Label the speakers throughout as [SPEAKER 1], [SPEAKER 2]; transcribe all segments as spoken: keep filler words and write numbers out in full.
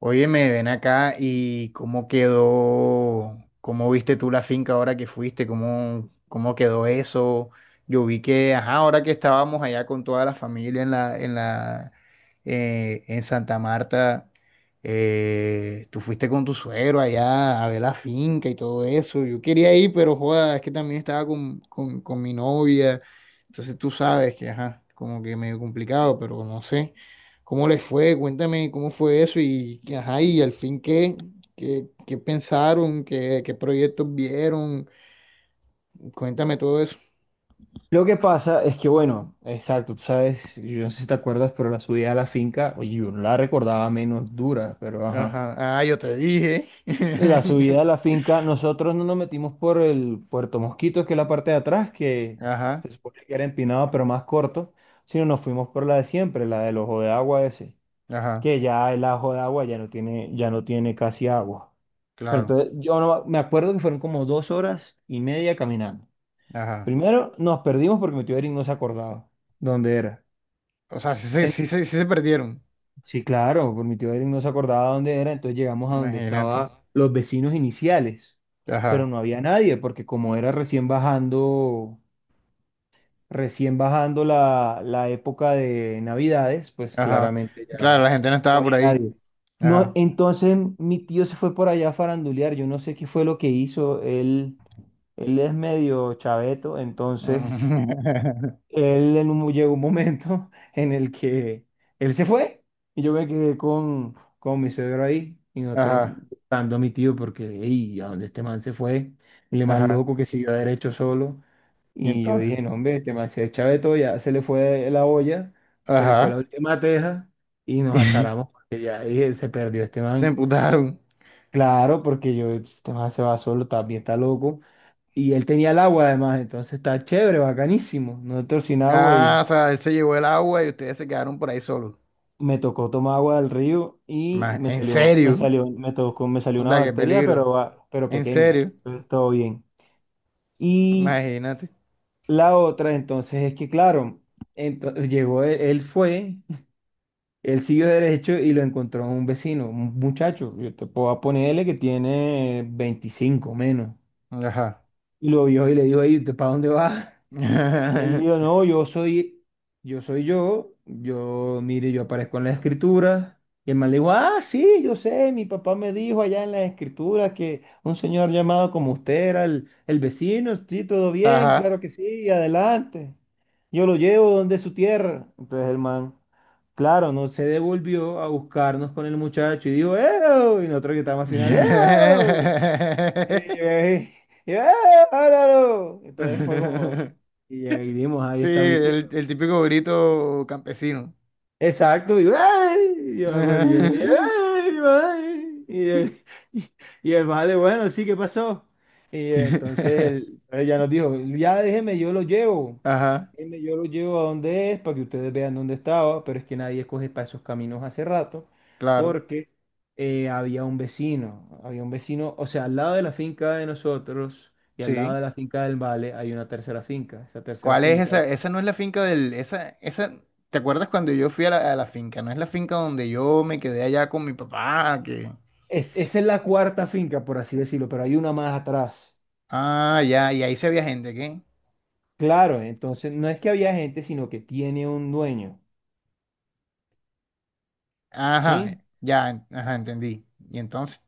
[SPEAKER 1] Oye, me ven acá y cómo quedó, cómo viste tú la finca ahora que fuiste, cómo, cómo quedó eso. Yo vi que, ajá, ahora que estábamos allá con toda la familia en la, en la, eh, en Santa Marta, eh, tú fuiste con tu suegro allá a ver la finca y todo eso. Yo quería ir, pero joda, es que también estaba con, con, con mi novia. Entonces tú sabes que, ajá, como que medio complicado, pero no sé. ¿Cómo les fue? Cuéntame cómo fue eso y, ajá, y al fin qué, qué, qué pensaron, qué, qué proyectos vieron. Cuéntame todo eso.
[SPEAKER 2] Lo que pasa es que, bueno, exacto, tú sabes, yo no sé si te acuerdas, pero la subida a la finca, oye, yo no la recordaba menos dura, pero ajá.
[SPEAKER 1] Ajá, ah, yo te dije.
[SPEAKER 2] La subida a la finca, nosotros no nos metimos por el Puerto Mosquitos, que es la parte de atrás, que
[SPEAKER 1] Ajá,
[SPEAKER 2] se supone que era empinado, pero más corto, sino nos fuimos por la de siempre, la del ojo de agua ese,
[SPEAKER 1] ajá,
[SPEAKER 2] que ya el ojo de agua ya no tiene, ya no tiene casi agua. Pero
[SPEAKER 1] claro,
[SPEAKER 2] entonces, yo no, me acuerdo que fueron como dos horas y media caminando.
[SPEAKER 1] ajá.
[SPEAKER 2] Primero nos perdimos porque mi tío Eric no se acordaba dónde era.
[SPEAKER 1] O sea, sí, se-
[SPEAKER 2] En-
[SPEAKER 1] sí, se- sí, se perdieron,
[SPEAKER 2] Sí, claro, por mi tío Eric no se acordaba dónde era, entonces llegamos a donde
[SPEAKER 1] imagínate.
[SPEAKER 2] estaban los vecinos iniciales, pero
[SPEAKER 1] Ajá,
[SPEAKER 2] no había nadie, porque como era recién bajando, recién bajando la, la época de Navidades, pues
[SPEAKER 1] ajá.
[SPEAKER 2] claramente
[SPEAKER 1] Claro,
[SPEAKER 2] ya
[SPEAKER 1] la gente no
[SPEAKER 2] no
[SPEAKER 1] estaba por
[SPEAKER 2] había
[SPEAKER 1] ahí.
[SPEAKER 2] nadie. No,
[SPEAKER 1] Ajá.
[SPEAKER 2] entonces mi tío se fue por allá a farandulear, yo no sé qué fue lo que hizo, él, él es medio chaveto, entonces él en un- llegó un momento en el que él se fue y yo me quedé con, con mi suegro ahí y nosotros
[SPEAKER 1] Ajá,
[SPEAKER 2] dando a mi tío porque, hey, ¿a dónde este man se fue? El man
[SPEAKER 1] ajá.
[SPEAKER 2] loco que siguió derecho solo.
[SPEAKER 1] Y
[SPEAKER 2] Y yo
[SPEAKER 1] entonces,
[SPEAKER 2] dije, no, hombre, este man se echa de todo, ya se le fue la olla, se le fue la
[SPEAKER 1] ajá.
[SPEAKER 2] última teja y nos azaramos porque ya dije, se perdió este
[SPEAKER 1] Se
[SPEAKER 2] man.
[SPEAKER 1] emputaron.
[SPEAKER 2] Claro, porque yo, este man se va solo, también está loco. Y él tenía el agua además, entonces está chévere, bacanísimo. Nosotros sin agua
[SPEAKER 1] Ah,
[SPEAKER 2] y
[SPEAKER 1] o sea, él se llevó el agua y ustedes se quedaron por ahí solos.
[SPEAKER 2] me tocó tomar agua del río y
[SPEAKER 1] Más,
[SPEAKER 2] me
[SPEAKER 1] en
[SPEAKER 2] salió, me
[SPEAKER 1] serio.
[SPEAKER 2] salió, me tocó, me salió
[SPEAKER 1] O
[SPEAKER 2] una
[SPEAKER 1] sea, qué
[SPEAKER 2] bacteria,
[SPEAKER 1] peligro.
[SPEAKER 2] pero, va- pero
[SPEAKER 1] En
[SPEAKER 2] pequeña.
[SPEAKER 1] serio.
[SPEAKER 2] Entonces, todo bien. Y
[SPEAKER 1] Imagínate.
[SPEAKER 2] la otra, entonces, es que, claro, entonces, llegó, él, él fue, él siguió derecho y lo encontró un vecino, un muchacho. Yo te puedo ponerle que tiene veinticinco menos.
[SPEAKER 1] Ajá.
[SPEAKER 2] Y lo vio y le dijo, hey, ¿usted para dónde va? Y él dijo, no, yo soy, yo soy yo, yo, mire, yo aparezco en la escritura. Y el man le dijo, ah, sí, yo sé, mi papá me dijo allá en la escritura que un señor llamado como usted era el, el vecino, sí, todo bien, claro
[SPEAKER 1] Ajá.
[SPEAKER 2] que sí, adelante. Yo lo llevo donde su tierra. Entonces el man, claro, no se devolvió a buscarnos con el muchacho y dijo, ¡eh! Y nosotros que estábamos al final, ¡eh! Y yo ahí, y yo, ¡ah, áralo! Entonces fue como, y ahí vimos, ahí
[SPEAKER 1] Sí,
[SPEAKER 2] está mi tía.
[SPEAKER 1] el, el típico grito campesino.
[SPEAKER 2] Exacto, y, "Ay", y yo me
[SPEAKER 1] Ajá,
[SPEAKER 2] acuerdo, y yo le dije, "Ay, ay", y el, y y el vale, bueno, sí, ¿qué pasó? Y entonces él, él ya nos dijo, ya déjeme, yo lo llevo,
[SPEAKER 1] Ajá,
[SPEAKER 2] déjeme, yo lo llevo a donde es, para que ustedes vean dónde estaba, pero es que nadie coge para esos caminos hace rato,
[SPEAKER 1] claro.
[SPEAKER 2] porque eh, había un vecino, había un vecino, o sea, al lado de la finca de nosotros y al lado
[SPEAKER 1] Sí.
[SPEAKER 2] de la finca del vale hay una tercera finca, esa tercera
[SPEAKER 1] ¿Cuál es
[SPEAKER 2] finca
[SPEAKER 1] esa? Esa no es la finca del, esa, esa, ¿te acuerdas cuando yo fui a la, a la finca? No es la finca donde yo me quedé allá con mi papá, que
[SPEAKER 2] es, esa es la cuarta finca, por así decirlo, pero hay una más atrás.
[SPEAKER 1] ah, ya, y ahí se veía gente, ¿qué?
[SPEAKER 2] Claro, entonces no es que había gente, sino que tiene un dueño,
[SPEAKER 1] Ajá,
[SPEAKER 2] ¿sí?
[SPEAKER 1] ya, en- ajá, entendí. ¿Y entonces?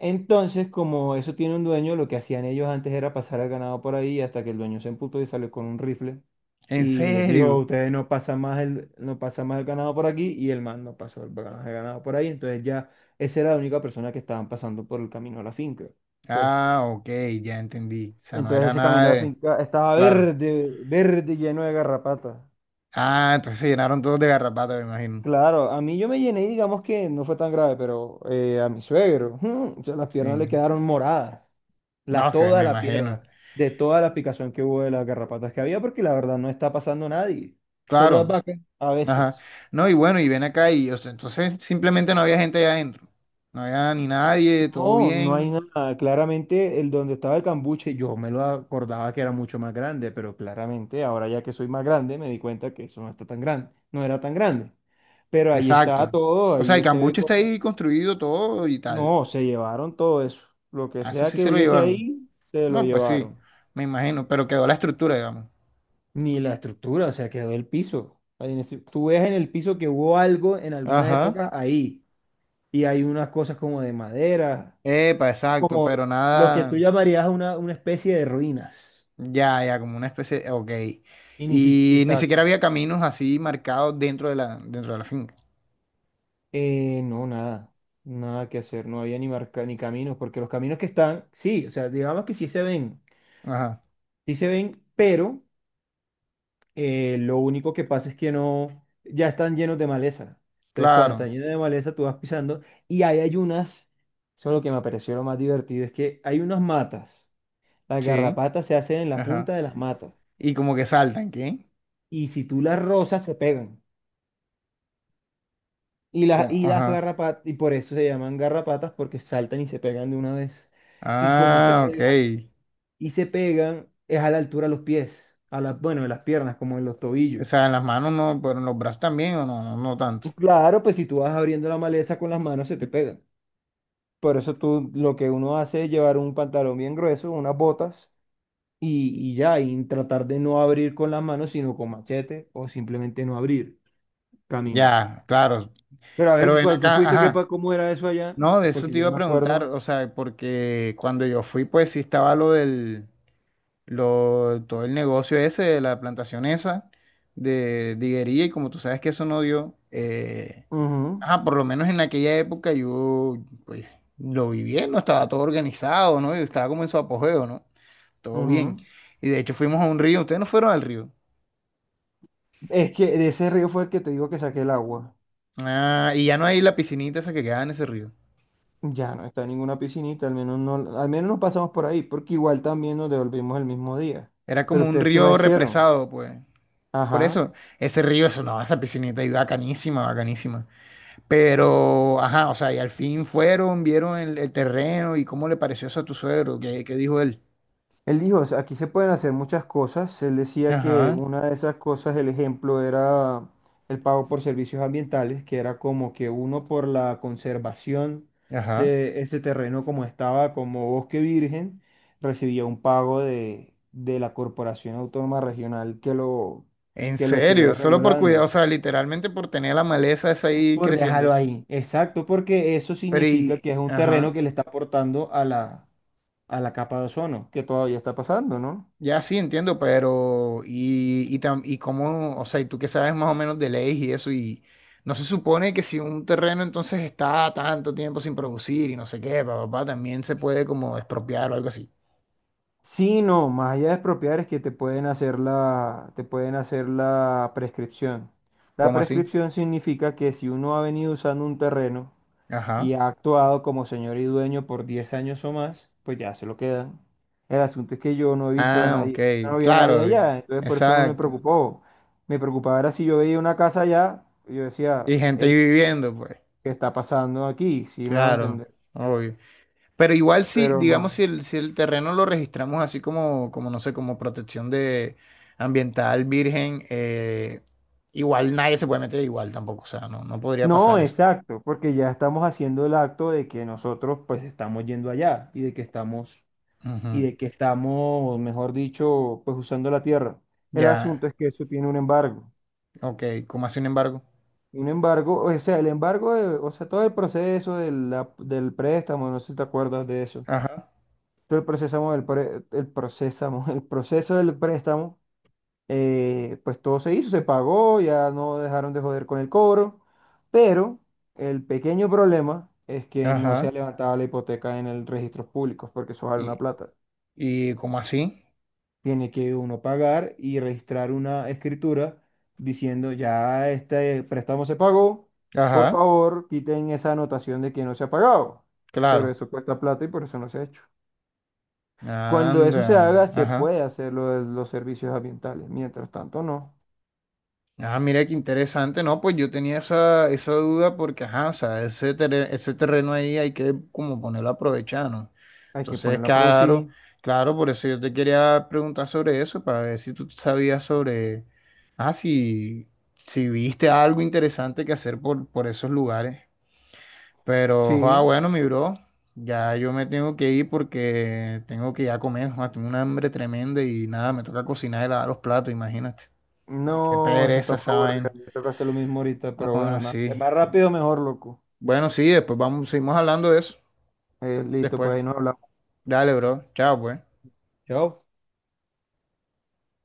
[SPEAKER 2] Entonces, como eso tiene un dueño, lo que hacían ellos antes era pasar el ganado por ahí hasta que el dueño se emputó y salió con un rifle
[SPEAKER 1] ¿En
[SPEAKER 2] y les dijo,
[SPEAKER 1] serio?
[SPEAKER 2] ustedes no pasan más el, no pasan más el ganado por aquí y el man no pasó el ganado el ganado por ahí. Entonces ya esa era la única persona que estaban pasando por el camino a la finca. Entonces,
[SPEAKER 1] Ah, ok, ya entendí. O sea, no
[SPEAKER 2] entonces
[SPEAKER 1] era
[SPEAKER 2] ese camino
[SPEAKER 1] nada
[SPEAKER 2] a la
[SPEAKER 1] de...
[SPEAKER 2] finca estaba
[SPEAKER 1] Claro.
[SPEAKER 2] verde, verde, lleno de garrapatas.
[SPEAKER 1] Ah, entonces se llenaron todos de garrapatas, me imagino.
[SPEAKER 2] Claro, a mí yo me llené y digamos que no fue tan grave, pero eh, a mi suegro, o sea, las piernas
[SPEAKER 1] Sí.
[SPEAKER 2] le quedaron moradas,
[SPEAKER 1] No,
[SPEAKER 2] la,
[SPEAKER 1] que
[SPEAKER 2] toda
[SPEAKER 1] me
[SPEAKER 2] la
[SPEAKER 1] imagino.
[SPEAKER 2] pierna, de toda la picación que hubo de las garrapatas que había, porque la verdad no está pasando a nadie, solo las
[SPEAKER 1] Claro.
[SPEAKER 2] vacas a
[SPEAKER 1] Ajá.
[SPEAKER 2] veces.
[SPEAKER 1] No, y bueno, y ven acá y o sea, entonces simplemente no había gente allá adentro. No había ni nadie, todo
[SPEAKER 2] No, no hay
[SPEAKER 1] bien.
[SPEAKER 2] nada, claramente el donde estaba el cambuche, yo me lo acordaba que era mucho más grande, pero claramente ahora ya que soy más grande me di cuenta que eso no está tan grande, no era tan grande. Pero ahí está
[SPEAKER 1] Exacto.
[SPEAKER 2] todo,
[SPEAKER 1] O sea, el
[SPEAKER 2] ahí se ve.
[SPEAKER 1] cambuche está ahí construido todo y tal.
[SPEAKER 2] No, se llevaron todo eso. Lo que
[SPEAKER 1] A eso
[SPEAKER 2] sea
[SPEAKER 1] sí
[SPEAKER 2] que
[SPEAKER 1] se lo
[SPEAKER 2] hubiese
[SPEAKER 1] llevaron.
[SPEAKER 2] ahí, se lo
[SPEAKER 1] No, pues sí,
[SPEAKER 2] llevaron.
[SPEAKER 1] me imagino, pero quedó la estructura, digamos.
[SPEAKER 2] Ni la estructura, o sea, quedó el piso. Ahí en ese- Tú ves en el piso que hubo algo en alguna
[SPEAKER 1] Ajá.
[SPEAKER 2] época ahí. Y hay unas cosas como de madera,
[SPEAKER 1] Epa, exacto,
[SPEAKER 2] como
[SPEAKER 1] pero
[SPEAKER 2] lo que tú
[SPEAKER 1] nada,
[SPEAKER 2] llamarías una, una especie de ruinas.
[SPEAKER 1] ya, ya, como una especie, ok.
[SPEAKER 2] Y ni si-
[SPEAKER 1] Y ni siquiera
[SPEAKER 2] Exacto.
[SPEAKER 1] había caminos así marcados dentro de la, dentro de la finca.
[SPEAKER 2] Eh, no, nada. Nada que hacer. No había ni marca, ni caminos, porque los caminos que están, sí, o sea, digamos que sí se ven.
[SPEAKER 1] Ajá,
[SPEAKER 2] Sí se ven, pero eh, lo único que pasa es que no, ya están llenos de maleza. Entonces, cuando
[SPEAKER 1] claro,
[SPEAKER 2] están llenos de maleza, tú vas pisando y ahí hay unas, eso es lo que me pareció lo más divertido, es que hay unas matas. Las
[SPEAKER 1] sí,
[SPEAKER 2] garrapatas se hacen en la
[SPEAKER 1] ajá.
[SPEAKER 2] punta de las matas
[SPEAKER 1] Y como que saltan, ¿qué?
[SPEAKER 2] y si tú las rozas, se pegan. Y las,
[SPEAKER 1] Como,
[SPEAKER 2] y las
[SPEAKER 1] ajá.
[SPEAKER 2] garrapatas, y por eso se llaman garrapatas, porque saltan y se pegan de una vez. Y como se
[SPEAKER 1] Ah, ok.
[SPEAKER 2] pegan, y se pegan, es a la altura de los pies, a las, bueno, de las piernas, como en los
[SPEAKER 1] O sea,
[SPEAKER 2] tobillos.
[SPEAKER 1] en las manos no, pero en los brazos también, o no, no, no tanto.
[SPEAKER 2] Claro, pues si tú vas abriendo la maleza con las manos, se te pega. Por eso tú lo que uno hace es llevar un pantalón bien grueso, unas botas y, y ya, y tratar de no abrir con las manos, sino con machete o simplemente no abrir camino.
[SPEAKER 1] Ya, claro.
[SPEAKER 2] Pero a ver,
[SPEAKER 1] Pero
[SPEAKER 2] que
[SPEAKER 1] ven
[SPEAKER 2] cuando tú
[SPEAKER 1] acá,
[SPEAKER 2] fuiste, ¿qué, pa-
[SPEAKER 1] ajá.
[SPEAKER 2] cómo era eso allá?
[SPEAKER 1] No, de eso
[SPEAKER 2] Porque
[SPEAKER 1] te
[SPEAKER 2] yo
[SPEAKER 1] iba
[SPEAKER 2] no
[SPEAKER 1] a
[SPEAKER 2] me
[SPEAKER 1] preguntar,
[SPEAKER 2] acuerdo.
[SPEAKER 1] o sea, porque cuando yo fui, pues sí estaba lo del, lo, todo el negocio ese de la plantación esa de diguería y como tú sabes que eso no dio, eh,
[SPEAKER 2] Ujú,
[SPEAKER 1] ajá, por lo menos en aquella época yo, pues, lo vi bien, no estaba todo organizado, ¿no? Yo estaba como en su apogeo, ¿no? Todo bien.
[SPEAKER 2] ujú.
[SPEAKER 1] Y de hecho fuimos a un río, ustedes no fueron al río.
[SPEAKER 2] Es que de ese río fue el que te digo que saqué el agua.
[SPEAKER 1] Ah, y ya no hay la piscinita esa que quedaba en ese río.
[SPEAKER 2] Ya no está ninguna piscinita, al menos no, al menos no pasamos por ahí, porque igual también nos devolvimos el mismo día.
[SPEAKER 1] Era
[SPEAKER 2] Pero
[SPEAKER 1] como un
[SPEAKER 2] ustedes, ¿qué
[SPEAKER 1] río
[SPEAKER 2] más hicieron?
[SPEAKER 1] represado, pues. Por
[SPEAKER 2] Ajá.
[SPEAKER 1] eso, ese río es una, esa piscinita y bacanísima, bacanísima. Pero, ajá, o sea, y al fin fueron, vieron el, el terreno y cómo le pareció eso a tu suegro, qué, qué dijo él.
[SPEAKER 2] Él dijo, "O sea, aquí se pueden hacer muchas cosas." Él decía que
[SPEAKER 1] Ajá,
[SPEAKER 2] una de esas cosas, el ejemplo, era el pago por servicios ambientales, que era como que uno por la conservación
[SPEAKER 1] ajá.
[SPEAKER 2] de ese terreno como estaba, como bosque virgen, recibía un pago de, de la Corporación Autónoma Regional que lo,
[SPEAKER 1] En
[SPEAKER 2] que lo
[SPEAKER 1] serio,
[SPEAKER 2] estuviera
[SPEAKER 1] solo por cuidado,
[SPEAKER 2] regulando.
[SPEAKER 1] o sea, literalmente por tener la maleza esa ahí
[SPEAKER 2] Por
[SPEAKER 1] creciendo.
[SPEAKER 2] dejarlo ahí. Exacto, porque eso
[SPEAKER 1] Pero
[SPEAKER 2] significa
[SPEAKER 1] y,
[SPEAKER 2] que es un terreno
[SPEAKER 1] ajá.
[SPEAKER 2] que le está aportando a la, a la capa de ozono, que todavía está pasando, ¿no?
[SPEAKER 1] Ya sí, entiendo, pero y, y, tam- y cómo, o sea, y tú que sabes más o menos de leyes y eso, y no se supone que si un terreno entonces está tanto tiempo sin producir y no sé qué, papá, también se puede como expropiar o algo así.
[SPEAKER 2] Sí, no, más allá de expropiar es que te pueden hacer la, te pueden hacer la prescripción. La
[SPEAKER 1] ¿Cómo así?
[SPEAKER 2] prescripción significa que si uno ha venido usando un terreno y
[SPEAKER 1] Ajá.
[SPEAKER 2] ha actuado como señor y dueño por diez años o más, pues ya se lo quedan. El asunto es que yo no he visto a
[SPEAKER 1] Ah, ok,
[SPEAKER 2] nadie, no había nadie
[SPEAKER 1] claro, eh,
[SPEAKER 2] allá, entonces por eso no me
[SPEAKER 1] exacto.
[SPEAKER 2] preocupó. Me preocupaba era si yo veía una casa allá, y yo decía,
[SPEAKER 1] Y gente ahí
[SPEAKER 2] hey,
[SPEAKER 1] viviendo, pues,
[SPEAKER 2] ¿qué está pasando aquí? Sí, me hago
[SPEAKER 1] claro,
[SPEAKER 2] entender,
[SPEAKER 1] obvio. Pero igual si,
[SPEAKER 2] pero no.
[SPEAKER 1] digamos, si el, si el terreno lo registramos así como, como, no sé, como protección de ambiental virgen, eh, igual nadie se puede meter igual tampoco, o sea, no, no podría
[SPEAKER 2] No,
[SPEAKER 1] pasar eso.
[SPEAKER 2] exacto, porque ya estamos haciendo el acto de que nosotros pues estamos yendo allá y de que estamos, y
[SPEAKER 1] Ujú.
[SPEAKER 2] de que estamos, mejor dicho, pues usando la tierra. El
[SPEAKER 1] Ya,
[SPEAKER 2] asunto es que eso tiene un embargo.
[SPEAKER 1] ok, ¿cómo así, sin embargo?
[SPEAKER 2] Un embargo, o sea, el embargo, de- o sea, todo el proceso del la- del préstamo, no sé si te acuerdas de eso.
[SPEAKER 1] Ajá,
[SPEAKER 2] Todo el proceso del pre- el procesamo- el proceso del préstamo, eh, pues todo se hizo, se pagó, ya no dejaron de joder con el cobro, pero el pequeño problema es que no se ha
[SPEAKER 1] ajá,
[SPEAKER 2] levantado la hipoteca en el registro público, porque eso vale una
[SPEAKER 1] y,
[SPEAKER 2] plata.
[SPEAKER 1] y ¿cómo así?
[SPEAKER 2] Tiene que uno pagar y registrar una escritura diciendo ya este préstamo se pagó, por
[SPEAKER 1] Ajá,
[SPEAKER 2] favor, quiten esa anotación de que no se ha pagado. Pero
[SPEAKER 1] claro,
[SPEAKER 2] eso cuesta plata y por eso no se ha hecho. Cuando eso se
[SPEAKER 1] anda,
[SPEAKER 2] haga, se
[SPEAKER 1] ajá.
[SPEAKER 2] puede hacer lo de los servicios ambientales. Mientras tanto, no.
[SPEAKER 1] Ah, mira qué interesante, ¿no? Pues yo tenía esa, esa duda porque, ajá, o sea, ese, terre- ese terreno ahí hay que como ponerlo a aprovechar, ¿no?
[SPEAKER 2] Hay que
[SPEAKER 1] Entonces,
[SPEAKER 2] ponerlo a
[SPEAKER 1] claro,
[SPEAKER 2] producir.
[SPEAKER 1] claro, por eso yo te quería preguntar sobre eso, para ver si tú sabías sobre, ah, si, si viste algo interesante que hacer por, por esos lugares. Pero, ah,
[SPEAKER 2] Sí,
[SPEAKER 1] bueno, mi bro, ya yo me tengo que ir porque tengo que ya comer, joa, tengo una hambre tremenda y nada, me toca cocinar y lavar los platos, imagínate. Es que
[SPEAKER 2] no, eso está
[SPEAKER 1] pereza
[SPEAKER 2] muy
[SPEAKER 1] esa
[SPEAKER 2] aburrido.
[SPEAKER 1] vaina.
[SPEAKER 2] Me toca hacer lo mismo ahorita, pero bueno, más,
[SPEAKER 1] Así.
[SPEAKER 2] más rápido, mejor, loco.
[SPEAKER 1] Bueno, sí, después vamos, seguimos hablando de eso.
[SPEAKER 2] Eh, listo,
[SPEAKER 1] Después.
[SPEAKER 2] pues ahí nos hablamos.
[SPEAKER 1] Dale, bro. Chao, pues.
[SPEAKER 2] Chao.